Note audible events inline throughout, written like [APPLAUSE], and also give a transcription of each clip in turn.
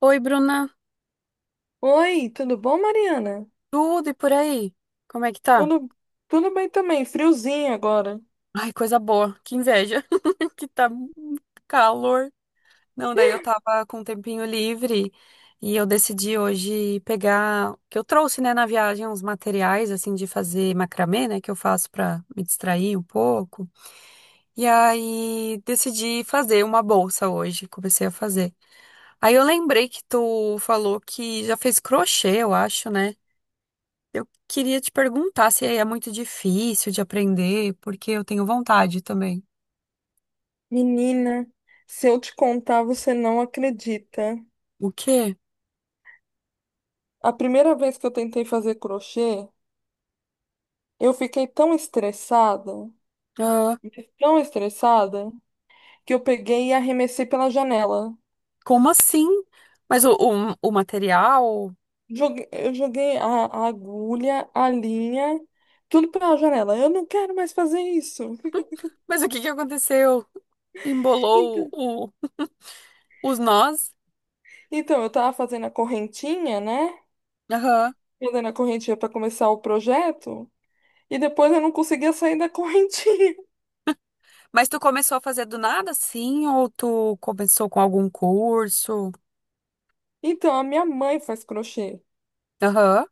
Oi, Bruna. Oi, tudo bom, Mariana? Tudo e por aí? Como é que tá? Tudo, tudo, bem também, friozinho agora. Ai, coisa boa. Que inveja. [LAUGHS] Que tá um calor. Não, daí eu tava com um tempinho livre e eu decidi hoje pegar, que eu trouxe, né, na viagem uns materiais assim de fazer macramê, né, que eu faço pra me distrair um pouco. E aí decidi fazer uma bolsa hoje, comecei a fazer. Aí eu lembrei que tu falou que já fez crochê, eu acho, né? Eu queria te perguntar se é muito difícil de aprender, porque eu tenho vontade também. Menina, se eu te contar, você não acredita. O quê? A primeira vez que eu tentei fazer crochê, eu fiquei Ah, tão estressada, que eu peguei e arremessei pela janela. como assim? Mas o material? Eu joguei a agulha, a linha, tudo pela janela. Eu não quero mais fazer isso. Mas o que que aconteceu? Embolou Então, o, os nós? então eu tava fazendo a correntinha, né? Aham. Fazendo a correntinha para começar o projeto. E depois eu não conseguia sair da correntinha. [LAUGHS] Mas tu começou a fazer do nada, sim? Ou tu começou com algum curso? Então, a minha mãe faz crochê. Aham.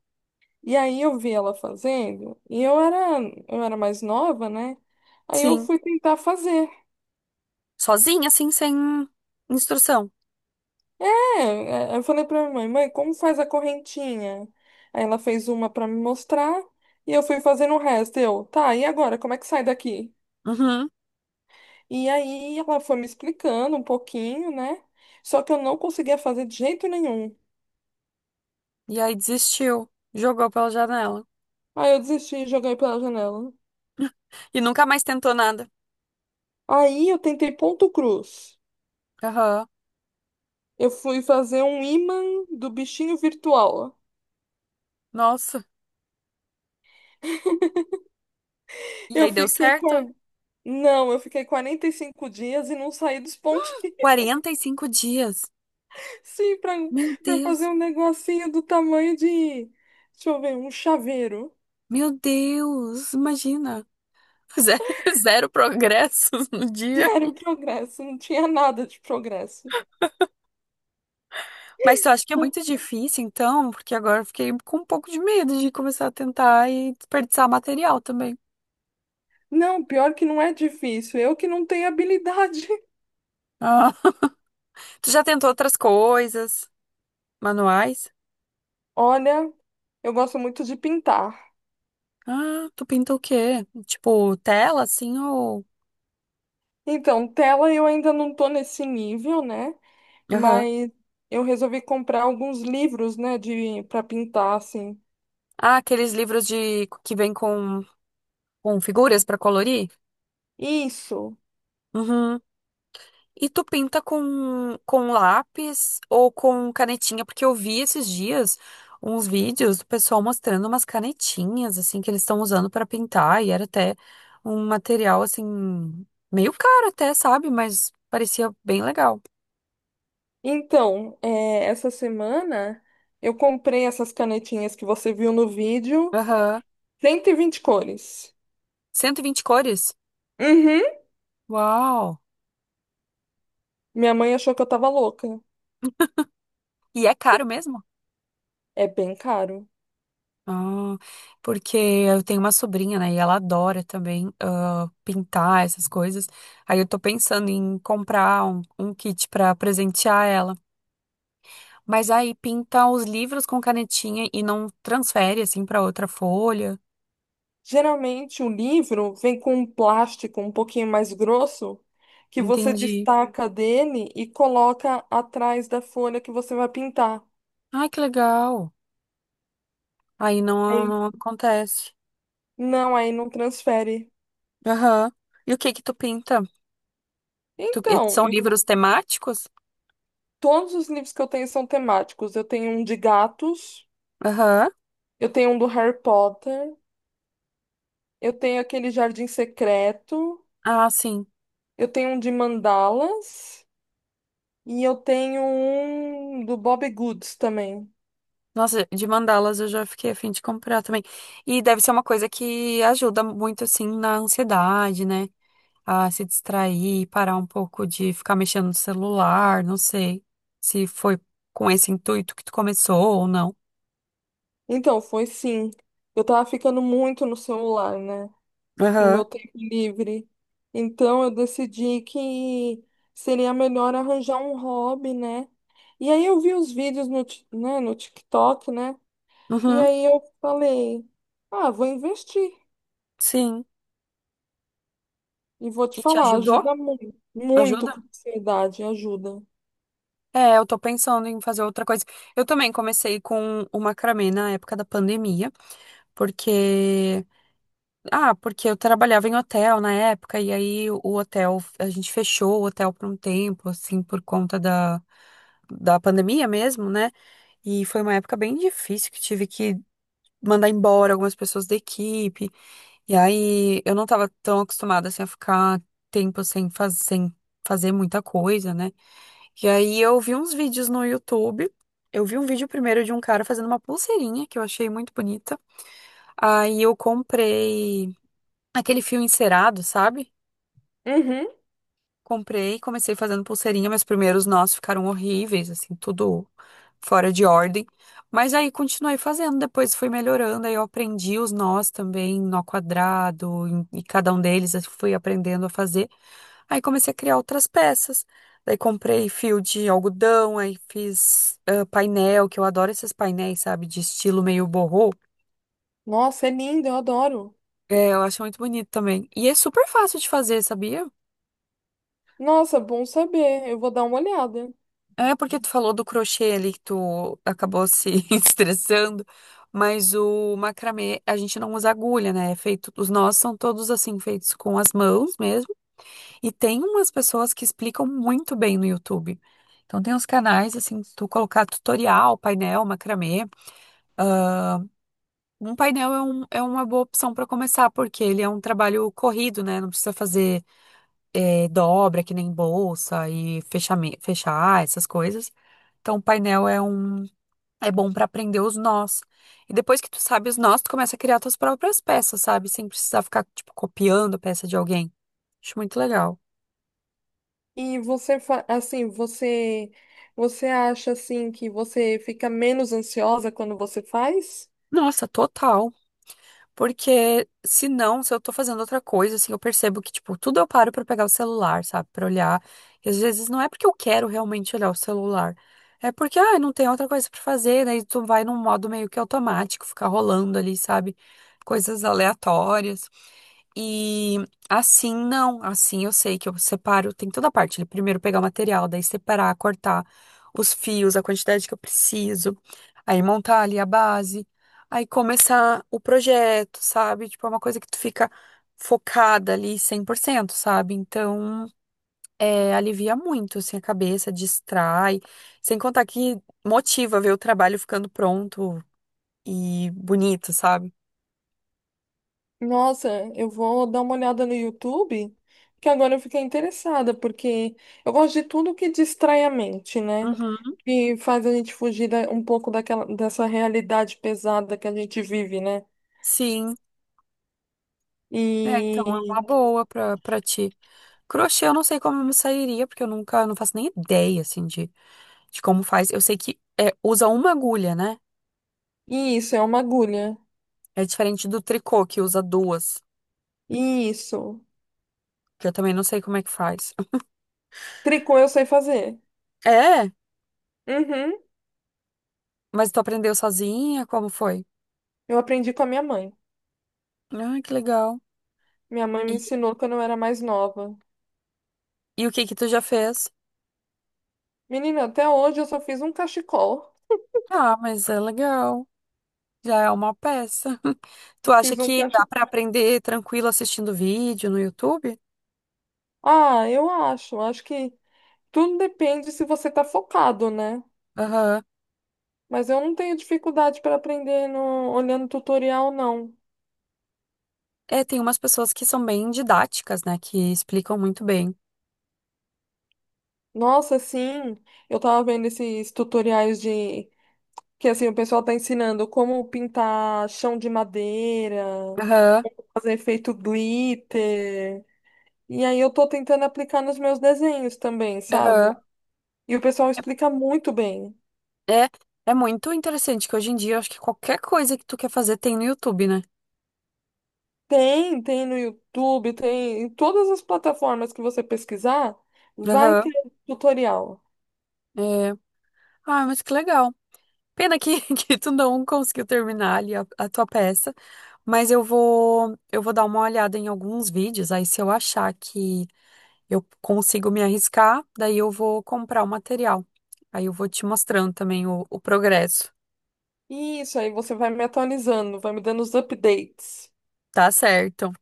E aí eu vi ela fazendo, eu era mais nova, né? Aí eu Sim. fui tentar fazer. Sozinha, assim, sem instrução. É, é, eu falei pra minha mãe, mãe, como faz a correntinha? Aí ela fez uma pra me mostrar, e eu fui fazendo o resto. Eu, tá, e agora, como é que sai daqui? Uhum. E aí ela foi me explicando um pouquinho, né? Só que eu não conseguia fazer de jeito nenhum. E aí desistiu. Jogou pela janela. Aí eu desisti e joguei pela janela. E nunca mais tentou nada. Aí eu tentei ponto cruz. Aham. Eu fui fazer um imã do bichinho virtual. Nossa. E Eu aí deu fiquei certo? com. Não, eu fiquei 45 dias e não saí dos pontinhos. 45 dias. [LAUGHS] Sim, pra, Meu pra fazer Deus, um negocinho do tamanho de. Deixa eu ver, um chaveiro. meu Deus, imagina. [LAUGHS] Ze- Zero progressos no [LAUGHS] dia. Zero progresso, não tinha nada de progresso. Mas eu acho que é Não, muito difícil, então, porque agora eu fiquei com um pouco de medo de começar a tentar e desperdiçar material também. não, pior que não é difícil, eu que não tenho habilidade. [LAUGHS] Ah, tu já tentou outras coisas, manuais? Olha, eu gosto muito de pintar. Ah, tu pinta o quê? Tipo, tela, assim, ou... Então, tela eu ainda não tô nesse nível, né? Aham. Mas eu resolvi comprar alguns livros, né, de para pintar assim. Ah, aqueles livros de que vem com figuras pra colorir? Isso. Uhum. E tu pinta com lápis ou com canetinha? Porque eu vi esses dias uns vídeos do pessoal mostrando umas canetinhas, assim, que eles estão usando para pintar, e era até um material, assim, meio caro até, sabe? Mas parecia bem legal. Então, essa semana eu comprei essas canetinhas que você viu no vídeo, Aham. 120 cores. 120 cores? Uhum. Uau! Minha mãe achou que eu tava louca. E é caro mesmo? É bem caro. Ah, porque eu tenho uma sobrinha, né? E ela adora também pintar essas coisas. Aí eu tô pensando em comprar um kit pra presentear ela. Mas aí pinta os livros com canetinha e não transfere assim pra outra folha. Geralmente o livro vem com um plástico um pouquinho mais grosso que você Entendi. destaca dele e coloca atrás da folha que você vai pintar. Ai, que legal. Aí não, Aí- não acontece. Não, aí não transfere. Aham. E o que que tu pinta? Então, São eu- livros temáticos? todos os livros que eu tenho são temáticos. Eu tenho um de gatos, Aham. eu tenho um do Harry Potter, eu tenho aquele Jardim Secreto, Ah, sim. eu tenho um de mandalas e eu tenho um do Bob Goods também. Nossa, de mandalas eu já fiquei a fim de comprar também. E deve ser uma coisa que ajuda muito, assim, na ansiedade, né? A se distrair, parar um pouco de ficar mexendo no celular, não sei se foi com esse intuito que tu começou ou não. Então, foi sim. Eu tava ficando muito no celular, né? No Aham. meu tempo livre. Então, eu decidi que seria melhor arranjar um hobby, né? E aí eu vi os vídeos no, no TikTok, né? E Uhum, aí eu falei, ah, vou investir. sim. E vou te E te falar, ajudou? ajuda muito, muito Ajuda? com a ansiedade, ajuda. É, eu tô pensando em fazer outra coisa. Eu também comecei com o macramê na época da pandemia, porque. Ah, porque eu trabalhava em hotel na época, e aí o hotel, a gente fechou o hotel por um tempo, assim, por conta da, da pandemia mesmo, né? E foi uma época bem difícil que tive que mandar embora algumas pessoas da equipe. E aí eu não tava tão acostumada, assim, a ficar tempo sem, sem fazer muita coisa, né? E aí eu vi uns vídeos no YouTube. Eu vi um vídeo primeiro de um cara fazendo uma pulseirinha que eu achei muito bonita. Aí eu comprei. Aquele fio encerado, sabe? Uhum. Comprei, comecei fazendo pulseirinha, meus primeiros nós ficaram horríveis, assim, tudo fora de ordem. Mas aí continuei fazendo, depois fui melhorando, aí eu aprendi os nós também, nó quadrado, e cada um deles eu fui aprendendo a fazer. Aí comecei a criar outras peças. Daí comprei fio de algodão, aí fiz painel, que eu adoro esses painéis, sabe, de estilo meio boho. Nossa, é lindo, eu adoro. É, eu acho muito bonito também. E é super fácil de fazer, sabia? Nossa, bom saber, eu vou dar uma olhada. É porque tu falou do crochê ali que tu acabou se [LAUGHS] estressando, mas o macramê a gente não usa agulha, né? É feito, os nós são todos assim feitos com as mãos mesmo. E tem umas pessoas que explicam muito bem no YouTube. Então tem uns canais assim, se tu colocar tutorial, painel, macramê. Um painel é uma boa opção para começar, porque ele é um trabalho corrido, né? Não precisa fazer dobra que nem bolsa e fechar essas coisas. Então, o painel é um. É bom pra aprender os nós. E depois que tu sabe os nós, tu começa a criar tuas próprias peças, sabe? Sem precisar ficar, tipo, copiando a peça de alguém. Acho muito legal. E você, você acha, assim, que você fica menos ansiosa quando você faz? Nossa, total. Porque se não, se eu tô fazendo outra coisa, assim, eu percebo que, tipo, tudo eu paro pra pegar o celular, sabe? Pra olhar. E às vezes não é porque eu quero realmente olhar o celular. É porque, ah, não tem outra coisa pra fazer, daí tu vai num modo meio que automático, ficar rolando ali, sabe? Coisas aleatórias. E assim não, assim eu sei que eu separo, tem toda a parte, né? Primeiro pegar o material, daí separar, cortar os fios, a quantidade que eu preciso, aí montar ali a base, aí começar o projeto, sabe? Tipo, é uma coisa que tu fica focada ali 100%, sabe? Então, é, alivia muito, assim, a cabeça, distrai, sem contar que motiva ver o trabalho ficando pronto e bonito, sabe? Nossa, eu vou dar uma olhada no YouTube, que agora eu fiquei interessada, porque eu gosto de tudo que distrai a mente, né? Uhum. Que faz a gente um pouco daquela, dessa realidade pesada que a gente vive, né? Sim. É, então é E, uma boa pra, pra ti. Crochê eu não sei como eu me sairia, porque eu nunca, não faço nem ideia, assim, de como faz. Eu sei que é, usa uma agulha, né? e isso, é uma agulha. É diferente do tricô, que usa duas, E isso. que eu também não sei como é que faz. [LAUGHS] Tricô eu sei fazer. É, Uhum. mas tu aprendeu sozinha? Como foi? Eu aprendi com a minha mãe. Ah, que legal. Minha mãe me E, ensinou quando eu era mais nova. e o que que tu já fez? Menina, até hoje eu só fiz um cachecol. Ah, mas é legal. Já é uma peça. Tu Eu acha fiz um que dá cachecol. pra aprender tranquilo assistindo vídeo no YouTube? Ah, eu acho. Acho que. tudo depende se você tá focado, né? Aham. Mas eu não tenho dificuldade para aprender olhando tutorial, não. É, tem umas pessoas que são bem didáticas, né? Que explicam muito bem. Nossa, sim, eu tava vendo esses tutoriais de que assim o pessoal tá ensinando como pintar chão de madeira, Aham, fazer efeito glitter. E aí eu tô tentando aplicar nos meus desenhos também, aham. sabe? E o pessoal explica muito bem. É, é muito interessante que hoje em dia eu acho que qualquer coisa que tu quer fazer tem no YouTube, né? Tem, tem no YouTube, tem em todas as plataformas que você pesquisar, vai Aham, ter tutorial. é. Ah, mas que legal. Pena que, [LAUGHS] que tu não conseguiu terminar ali a tua peça, mas eu vou dar uma olhada em alguns vídeos, aí se eu achar que eu consigo me arriscar, daí eu vou comprar o material. Aí eu vou te mostrando também o progresso. Isso, aí você vai me atualizando, vai me dando os updates. Tá certo.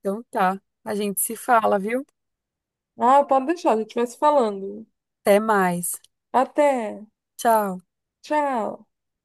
Então tá. A gente se fala, viu? Ah, pode deixar, a gente vai se falando. Até mais. Até. Tchau. Tchau.